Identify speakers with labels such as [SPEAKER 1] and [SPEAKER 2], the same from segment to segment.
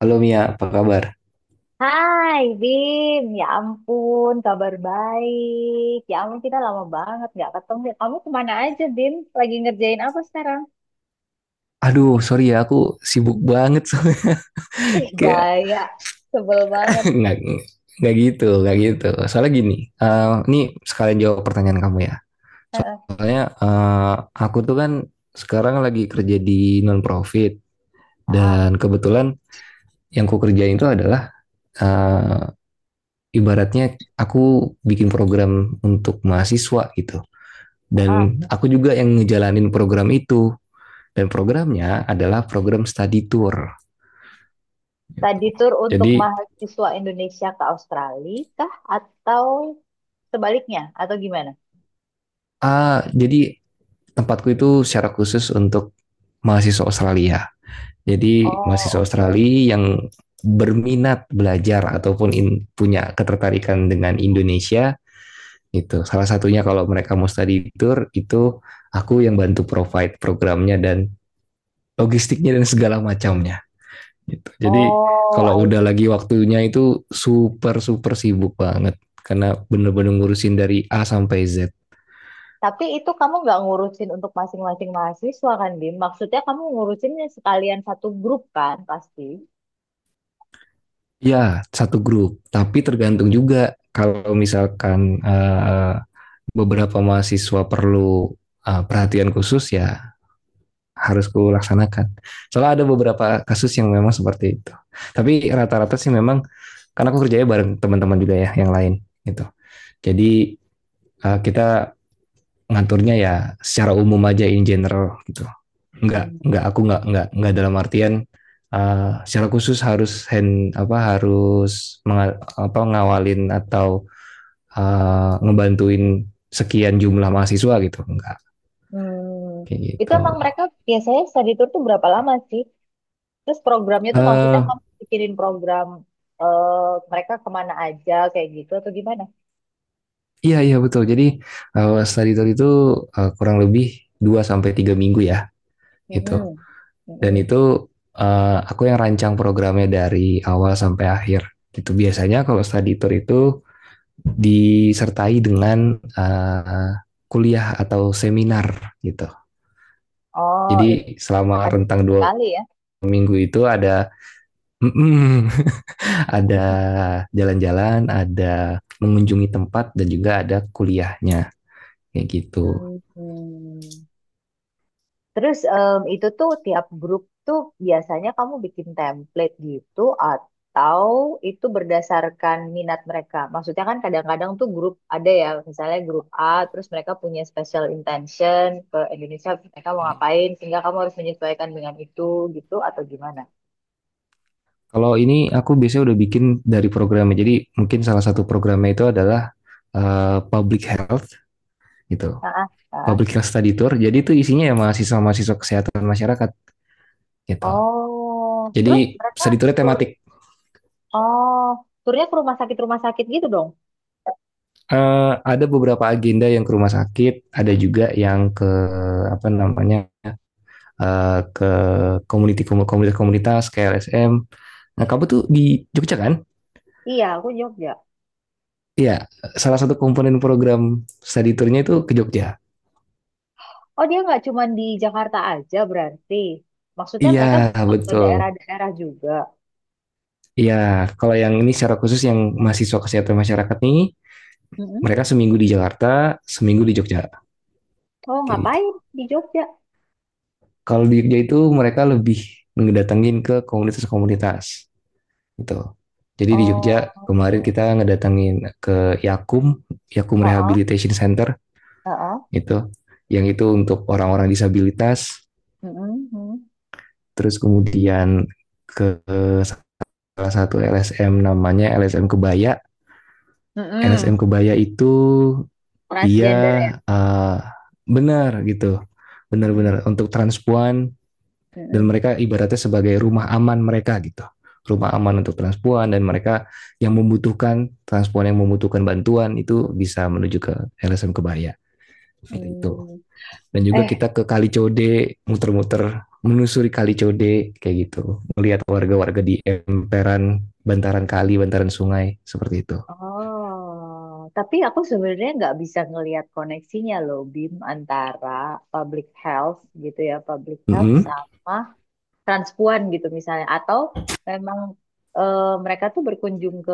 [SPEAKER 1] Halo Mia, apa kabar?
[SPEAKER 2] Hai Bim, ya ampun, kabar baik. Ya ampun, kita lama banget nggak ketemu. Ya. Kamu kemana aja, Bim? Lagi ngerjain apa sekarang?
[SPEAKER 1] Aduh, sorry ya, aku sibuk banget soalnya.
[SPEAKER 2] Ih,
[SPEAKER 1] Kayak
[SPEAKER 2] gaya, sebel banget.
[SPEAKER 1] nggak nggak gitu. Soalnya gini, ini sekalian jawab pertanyaan kamu ya.
[SPEAKER 2] Heeh.
[SPEAKER 1] Soalnya aku tuh kan sekarang lagi kerja di non profit,
[SPEAKER 2] Ah,
[SPEAKER 1] dan kebetulan yang ku kerjain itu adalah eh ibaratnya aku bikin program untuk mahasiswa gitu.
[SPEAKER 2] ah.
[SPEAKER 1] Dan aku juga yang ngejalanin program itu. Dan programnya adalah program study tour. Gitu.
[SPEAKER 2] Tadi tur
[SPEAKER 1] Jadi
[SPEAKER 2] untuk mahasiswa Indonesia ke Australia kah? Atau sebaliknya? Atau gimana?
[SPEAKER 1] ah jadi tempatku itu secara khusus untuk mahasiswa Australia. Jadi mahasiswa
[SPEAKER 2] Oh, oke.
[SPEAKER 1] Australia yang berminat belajar ataupun punya ketertarikan dengan Indonesia, itu salah satunya kalau mereka mau study tour itu aku yang bantu provide programnya dan logistiknya dan segala macamnya gitu. Jadi
[SPEAKER 2] Oh,
[SPEAKER 1] kalau
[SPEAKER 2] I
[SPEAKER 1] udah
[SPEAKER 2] see.
[SPEAKER 1] lagi waktunya itu super super sibuk banget karena bener-bener ngurusin dari A sampai Z.
[SPEAKER 2] Tapi itu kamu nggak ngurusin untuk masing-masing mahasiswa kan, Bim? Maksudnya kamu ngurusinnya sekalian satu grup kan, pasti.
[SPEAKER 1] Ya, satu grup. Tapi tergantung juga kalau misalkan eh, beberapa mahasiswa perlu perhatian khusus ya harus kulaksanakan. Soalnya ada beberapa kasus yang memang seperti itu. Tapi rata-rata sih memang karena aku kerjanya bareng teman-teman juga ya yang lain gitu. Jadi kita ngaturnya ya secara umum aja in general gitu. Enggak, aku enggak dalam artian eh, secara khusus harus hand apa harus menga- apa ngawalin atau ngebantuin sekian jumlah mahasiswa gitu. Enggak
[SPEAKER 2] Hmm,
[SPEAKER 1] kayak
[SPEAKER 2] itu
[SPEAKER 1] gitu.
[SPEAKER 2] emang mereka biasanya study tour tuh berapa lama sih? Terus programnya tuh maksudnya
[SPEAKER 1] Eh
[SPEAKER 2] kamu bikinin program eh mereka kemana aja kayak gitu atau gimana?
[SPEAKER 1] iya iya betul. Jadi study tour itu kurang lebih 2 sampai 3 minggu ya gitu.
[SPEAKER 2] Hmm,
[SPEAKER 1] Dan
[SPEAKER 2] hmm.
[SPEAKER 1] itu aku yang rancang programnya dari awal sampai akhir. Itu biasanya kalau study tour itu disertai dengan kuliah atau seminar gitu.
[SPEAKER 2] Oh, ih,
[SPEAKER 1] Jadi selama
[SPEAKER 2] akan
[SPEAKER 1] rentang dua
[SPEAKER 2] sekali ya.
[SPEAKER 1] minggu itu ada mm, mm, ada jalan-jalan, ada mengunjungi tempat dan juga ada kuliahnya kayak gitu.
[SPEAKER 2] Hmm. Terus itu tuh tiap grup tuh biasanya kamu bikin template gitu atau itu berdasarkan minat mereka. Maksudnya kan kadang-kadang tuh grup ada ya, misalnya grup A, terus mereka punya special intention ke Indonesia, mereka mau ngapain, sehingga kamu harus menyesuaikan dengan itu gitu atau gimana?
[SPEAKER 1] Kalau ini aku biasanya udah bikin dari programnya. Jadi mungkin salah satu programnya itu adalah public health gitu.
[SPEAKER 2] Ah, ah,
[SPEAKER 1] Public
[SPEAKER 2] ah.
[SPEAKER 1] health study tour. Jadi itu isinya ya mahasiswa-mahasiswa kesehatan masyarakat gitu.
[SPEAKER 2] Oh, terus
[SPEAKER 1] Jadi
[SPEAKER 2] mereka
[SPEAKER 1] study tournya
[SPEAKER 2] tur,
[SPEAKER 1] tematik.
[SPEAKER 2] oh, turnya ke rumah sakit-rumah sakit gitu dong?
[SPEAKER 1] Eh, ada beberapa agenda yang ke rumah sakit, ada juga yang ke apa namanya, ke komunitas-komunitas kayak LSM. Nah, kamu tuh di Jogja kan?
[SPEAKER 2] Iya, aku Jogja.
[SPEAKER 1] Iya, salah satu komponen program study tour-nya itu ke Jogja.
[SPEAKER 2] Oh, dia nggak cuma di Jakarta aja berarti. Maksudnya
[SPEAKER 1] Iya,
[SPEAKER 2] mereka bisa ke
[SPEAKER 1] betul.
[SPEAKER 2] daerah-daerah juga.
[SPEAKER 1] Iya, kalau yang ini secara khusus yang mahasiswa kesehatan masyarakat nih,
[SPEAKER 2] Mm-mm.
[SPEAKER 1] mereka seminggu di Jakarta, seminggu di Jogja,
[SPEAKER 2] Oh,
[SPEAKER 1] kayak gitu.
[SPEAKER 2] ngapain di Jogja?
[SPEAKER 1] Kalau di Jogja itu mereka lebih mendatangin ke komunitas-komunitas. Gitu. Jadi di Jogja
[SPEAKER 2] Oh,
[SPEAKER 1] kemarin kita ngedatangin ke Yakum, Yakum
[SPEAKER 2] heeh,
[SPEAKER 1] Rehabilitation Center
[SPEAKER 2] heeh.
[SPEAKER 1] itu, yang itu untuk orang-orang disabilitas.
[SPEAKER 2] Mm-mm, mm.
[SPEAKER 1] Terus kemudian ke salah satu LSM namanya LSM Kebaya.
[SPEAKER 2] Mm-mm.
[SPEAKER 1] LSM Kebaya itu dia
[SPEAKER 2] Transgender ya.
[SPEAKER 1] uh, benar gitu,
[SPEAKER 2] Mm-mm,
[SPEAKER 1] benar-benar untuk transpuan, dan
[SPEAKER 2] mm-mm,
[SPEAKER 1] mereka ibaratnya sebagai rumah aman mereka gitu, rumah aman untuk transpuan, dan mereka yang membutuhkan transpuan yang membutuhkan bantuan itu bisa menuju ke LSM Kebaya, seperti itu.
[SPEAKER 2] mm.
[SPEAKER 1] Dan juga
[SPEAKER 2] Eh,
[SPEAKER 1] kita ke Kali Code muter-muter menusuri Kali Code kayak gitu, melihat warga-warga di emperan bantaran sungai seperti itu.
[SPEAKER 2] oh, tapi aku sebenarnya nggak bisa ngelihat koneksinya loh, Bim, antara public health gitu ya, public
[SPEAKER 1] Mm
[SPEAKER 2] health
[SPEAKER 1] -hmm.
[SPEAKER 2] sama transpuan gitu misalnya atau memang eh, mereka tuh berkunjung ke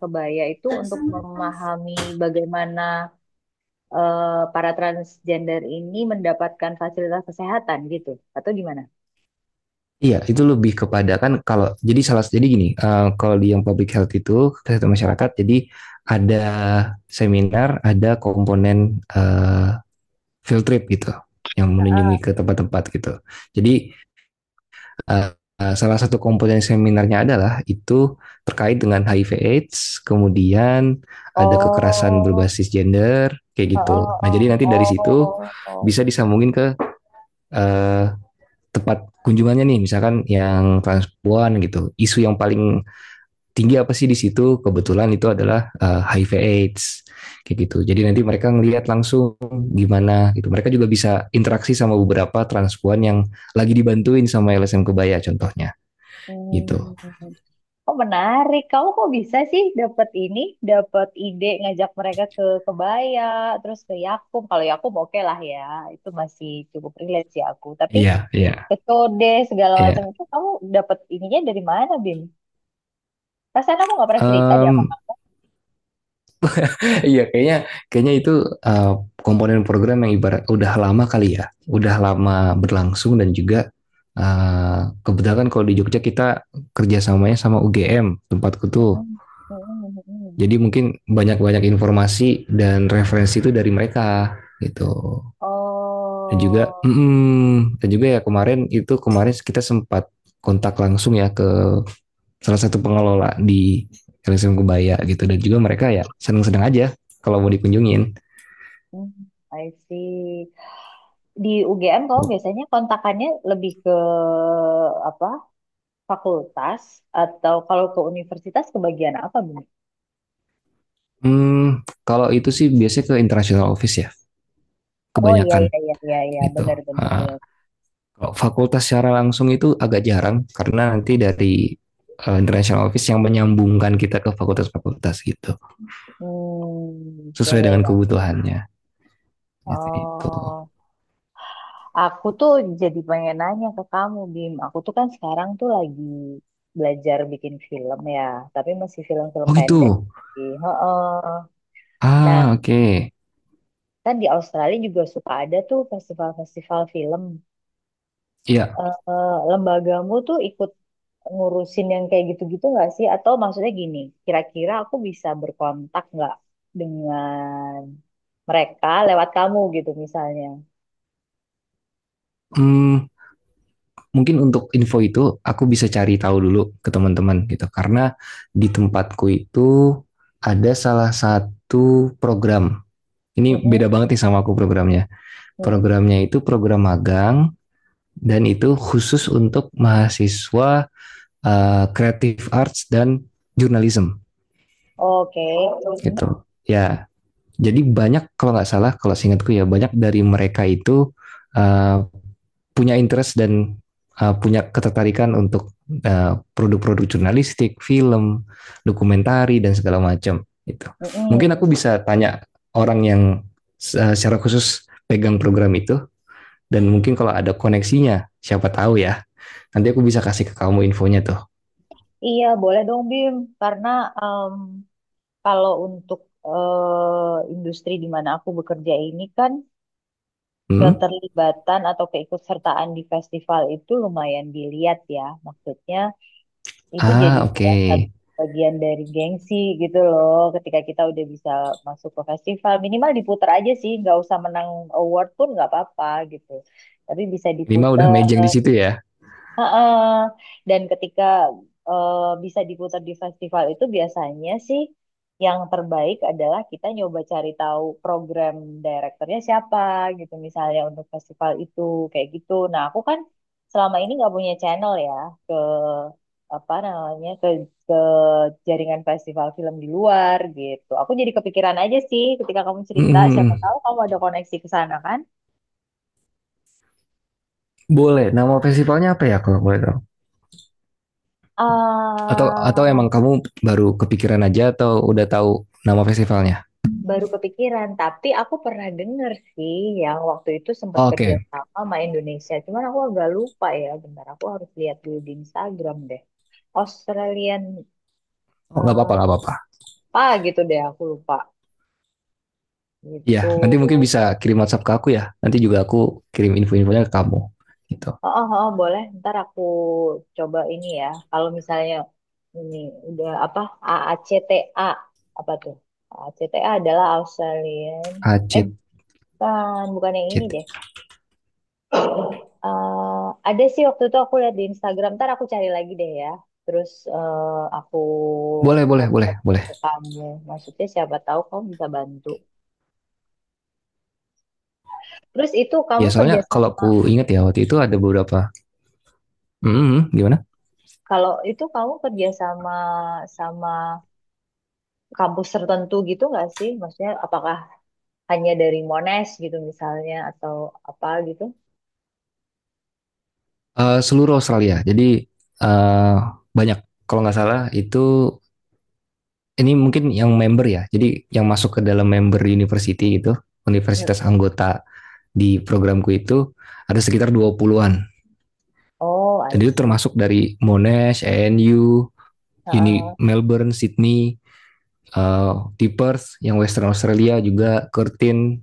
[SPEAKER 2] kebaya itu untuk memahami bagaimana para transgender ini mendapatkan fasilitas kesehatan gitu atau gimana?
[SPEAKER 1] Iya, itu lebih kepada kan kalau jadi salah jadi gini, eh, kalau di yang public health itu kesehatan masyarakat, jadi ada seminar, ada komponen eh, field trip gitu, yang menunjungi ke tempat-tempat gitu. Jadi eh, salah satu komponen seminarnya adalah itu terkait dengan HIV/AIDS, kemudian ada kekerasan
[SPEAKER 2] Oh,
[SPEAKER 1] berbasis gender kayak
[SPEAKER 2] oh,
[SPEAKER 1] gitu. Nah, jadi nanti dari
[SPEAKER 2] oh,
[SPEAKER 1] situ
[SPEAKER 2] oh, oh.
[SPEAKER 1] bisa disambungin ke eh, tempat kunjungannya nih, misalkan yang transpuan gitu, isu yang paling tinggi apa sih di situ, kebetulan itu adalah HIV AIDS kayak gitu. Jadi nanti mereka ngelihat langsung gimana gitu, mereka juga bisa interaksi sama beberapa transpuan yang lagi dibantuin sama LSM Kebaya contohnya gitu.
[SPEAKER 2] Hmm. Oh menarik, kamu kok bisa sih dapat ini, dapat ide ngajak mereka ke kebaya, terus ke Yakum. Kalau Yakum oke lah ya, itu masih cukup relate sih aku. Tapi
[SPEAKER 1] Iya iya
[SPEAKER 2] metode segala macam
[SPEAKER 1] iya.
[SPEAKER 2] itu kamu dapat ininya dari mana, Bim? Perasaan kamu nggak pernah cerita deh apa
[SPEAKER 1] Em,
[SPEAKER 2] kamu.
[SPEAKER 1] Iya, kayaknya kayaknya itu uh, komponen program yang ibarat udah lama kali ya, udah lama berlangsung, dan juga kebetulan kalau di Jogja kita kerjasamanya sama UGM tempatku tuh.
[SPEAKER 2] Hmm, hmm, hmm.
[SPEAKER 1] Jadi mungkin banyak-banyak informasi dan referensi itu dari mereka gitu. Dan juga,
[SPEAKER 2] Oh,
[SPEAKER 1] dan juga ya kemarin itu, kemarin kita sempat kontak langsung ya ke salah satu pengelola di LSM Kebaya gitu, dan juga mereka ya seneng-seneng aja kalau mau dikunjungin.
[SPEAKER 2] hmm, I see. Di UGM kamu biasanya kontakannya lebih ke apa? Fakultas atau kalau ke universitas ke bagian apa, Bim?
[SPEAKER 1] Hmm, kalau itu sih biasanya ke international office ya,
[SPEAKER 2] Oh iya
[SPEAKER 1] kebanyakan
[SPEAKER 2] iya iya iya iya
[SPEAKER 1] gitu.
[SPEAKER 2] benar benar
[SPEAKER 1] Ah,
[SPEAKER 2] benar.
[SPEAKER 1] kalau fakultas secara langsung itu agak jarang karena nanti dari international office yang menyambungkan kita ke fakultas-fakultas gitu,
[SPEAKER 2] Hmm, iya
[SPEAKER 1] sesuai
[SPEAKER 2] iya
[SPEAKER 1] dengan
[SPEAKER 2] iya.
[SPEAKER 1] kebutuhannya gitu. Itu.
[SPEAKER 2] Oh. Aku tuh jadi pengen nanya ke kamu, Bim. Aku tuh kan sekarang tuh lagi belajar bikin film ya, tapi masih film-film
[SPEAKER 1] Oh
[SPEAKER 2] pendek.
[SPEAKER 1] gitu.
[SPEAKER 2] Sih. Heeh. Nah,
[SPEAKER 1] Ah, oke. Okay.
[SPEAKER 2] kan di Australia juga suka ada tuh festival-festival film.
[SPEAKER 1] Ya,
[SPEAKER 2] Eh, eh, lembagamu tuh ikut ngurusin yang kayak gitu-gitu nggak sih? Atau maksudnya gini, kira-kira aku bisa berkontak nggak dengan mereka lewat kamu gitu misalnya?
[SPEAKER 1] hmm, mungkin untuk info itu aku bisa cari tahu dulu ke teman-teman gitu karena di tempatku itu ada salah satu program. Ini
[SPEAKER 2] Mm-mm,
[SPEAKER 1] beda banget nih sama aku programnya.
[SPEAKER 2] mm-mm.
[SPEAKER 1] Programnya itu program magang, dan itu khusus untuk mahasiswa creative arts dan jurnalism
[SPEAKER 2] Oke. Mm-mm.
[SPEAKER 1] gitu. Ya, jadi banyak kalau nggak salah, kalau seingatku ya, banyak dari mereka itu eh, punya interest dan punya ketertarikan untuk produk-produk jurnalistik, film, dokumentari dan segala macam gitu. Mungkin aku bisa tanya orang yang secara khusus pegang program itu. Dan mungkin kalau ada koneksinya, siapa tahu ya. Nanti aku bisa kasih ke kamu infonya tuh.
[SPEAKER 2] Iya, boleh dong Bim, karena em, kalau untuk industri di mana aku bekerja ini kan
[SPEAKER 1] Hmm?
[SPEAKER 2] keterlibatan atau keikutsertaan di festival itu lumayan dilihat ya. Maksudnya itu jadi
[SPEAKER 1] Ah, oke.
[SPEAKER 2] salah satu
[SPEAKER 1] Okay.
[SPEAKER 2] bagian dari gengsi gitu loh. Ketika kita udah bisa masuk ke festival, minimal diputar aja sih, nggak usah menang award pun nggak apa-apa gitu. Tapi bisa
[SPEAKER 1] Ini mah udah
[SPEAKER 2] diputer.
[SPEAKER 1] mejeng di situ ya.
[SPEAKER 2] Heeh. Dan ketika eh, bisa diputar di festival itu biasanya sih yang terbaik adalah kita nyoba cari tahu program direkturnya siapa gitu misalnya untuk festival itu kayak gitu. Nah aku kan selama ini nggak punya channel ya ke apa namanya ke jaringan festival film di luar gitu. Aku jadi kepikiran aja sih ketika kamu
[SPEAKER 1] Hmm,
[SPEAKER 2] cerita
[SPEAKER 1] hmm,
[SPEAKER 2] siapa
[SPEAKER 1] hmm.
[SPEAKER 2] tahu kamu ada koneksi ke sana kan?
[SPEAKER 1] Boleh. Nama festivalnya apa ya kalau boleh tahu? Atau
[SPEAKER 2] Ah
[SPEAKER 1] emang kamu baru kepikiran aja atau udah tahu nama festivalnya?
[SPEAKER 2] baru kepikiran, tapi aku pernah denger sih yang waktu itu sempat
[SPEAKER 1] Oh, oke.
[SPEAKER 2] kerja
[SPEAKER 1] Okay.
[SPEAKER 2] sama sama Indonesia. Cuman aku agak lupa ya, bentar aku harus lihat dulu di Instagram deh. Australian
[SPEAKER 1] Oh, nggak apa-apa, nggak
[SPEAKER 2] eh,
[SPEAKER 1] apa-apa.
[SPEAKER 2] apa gitu deh, aku lupa
[SPEAKER 1] Iya,
[SPEAKER 2] gitu.
[SPEAKER 1] nanti mungkin bisa kirim WhatsApp ke aku ya. Nanti juga aku kirim info-infonya ke kamu. Gitu.
[SPEAKER 2] Oh, oh, oh, boleh. Ntar aku coba ini ya. Kalau misalnya ini udah apa AACTA apa tuh? AACTA adalah Australian. Eh,
[SPEAKER 1] Acit,
[SPEAKER 2] bukan, bukan yang ini
[SPEAKER 1] cit.
[SPEAKER 2] deh. Eh, ada sih waktu itu aku lihat di Instagram, ntar aku cari lagi deh ya. Terus aku
[SPEAKER 1] Boleh, boleh, boleh,
[SPEAKER 2] forward
[SPEAKER 1] boleh.
[SPEAKER 2] ke kamu. Maksudnya siapa tahu kamu bisa bantu. Terus itu
[SPEAKER 1] Ya,
[SPEAKER 2] kamu
[SPEAKER 1] soalnya
[SPEAKER 2] kerja
[SPEAKER 1] kalau
[SPEAKER 2] sama,
[SPEAKER 1] aku ingat ya waktu itu ada beberapa. Hmm, hmm, gimana?
[SPEAKER 2] kalau itu kamu kerja sama sama kampus tertentu gitu nggak sih? Maksudnya apakah hanya dari Monash gitu misalnya atau apa gitu?
[SPEAKER 1] Eh, seluruh Australia. Jadi eh, banyak kalau nggak salah itu, ini mungkin yang member ya. Jadi yang masuk ke dalam member university itu, universitas
[SPEAKER 2] Hmm.
[SPEAKER 1] anggota di programku itu ada sekitar 20-an.
[SPEAKER 2] Oh,
[SPEAKER 1] Dan
[SPEAKER 2] I
[SPEAKER 1] itu
[SPEAKER 2] see.
[SPEAKER 1] termasuk dari Monash, ANU, Uni
[SPEAKER 2] Heeh.
[SPEAKER 1] Melbourne, Sydney, di Perth, yang Western Australia juga Curtin,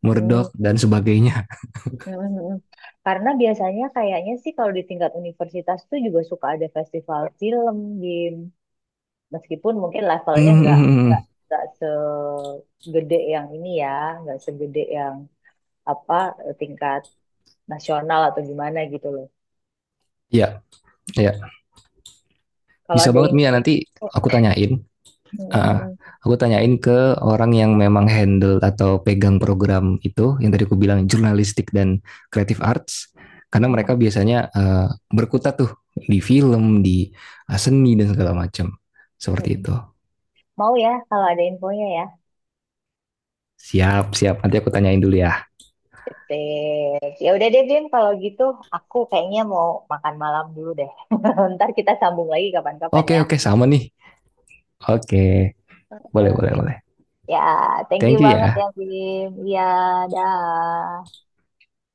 [SPEAKER 1] Murdoch
[SPEAKER 2] Hmm.
[SPEAKER 1] dan sebagainya.
[SPEAKER 2] Mm, mm, mm. Karena biasanya kayaknya sih kalau di tingkat universitas tuh juga suka ada festival film, Bim. Meskipun mungkin levelnya
[SPEAKER 1] Hmm,
[SPEAKER 2] nggak segede yang ini ya, nggak segede yang apa tingkat nasional atau gimana gitu loh.
[SPEAKER 1] ya, ya.
[SPEAKER 2] Kalau
[SPEAKER 1] Bisa
[SPEAKER 2] ada
[SPEAKER 1] banget
[SPEAKER 2] info,
[SPEAKER 1] Mia, nanti
[SPEAKER 2] info
[SPEAKER 1] aku tanyain.
[SPEAKER 2] mm,
[SPEAKER 1] Ah,
[SPEAKER 2] mm,
[SPEAKER 1] aku tanyain ke orang yang memang handle atau pegang program itu, yang tadi aku bilang jurnalistik dan creative arts,
[SPEAKER 2] mm,
[SPEAKER 1] karena
[SPEAKER 2] mm,
[SPEAKER 1] mereka
[SPEAKER 2] mm,
[SPEAKER 1] biasanya berkutat tuh di film, di seni dan segala macam.
[SPEAKER 2] mm,
[SPEAKER 1] Seperti
[SPEAKER 2] mm.
[SPEAKER 1] itu.
[SPEAKER 2] Mau ya kalau ada infonya ya.
[SPEAKER 1] Siap, siap. Nanti aku tanyain dulu ya.
[SPEAKER 2] Sip. Ya udah deh Bim, kalau gitu aku kayaknya mau makan malam dulu deh. Ntar kita sambung lagi kapan-kapan
[SPEAKER 1] Oke,
[SPEAKER 2] ya.
[SPEAKER 1] oke, sama nih. Oke, boleh, boleh, boleh.
[SPEAKER 2] Ya, thank you
[SPEAKER 1] Thank you
[SPEAKER 2] banget
[SPEAKER 1] ya.
[SPEAKER 2] ya, Bim. Iya, dah.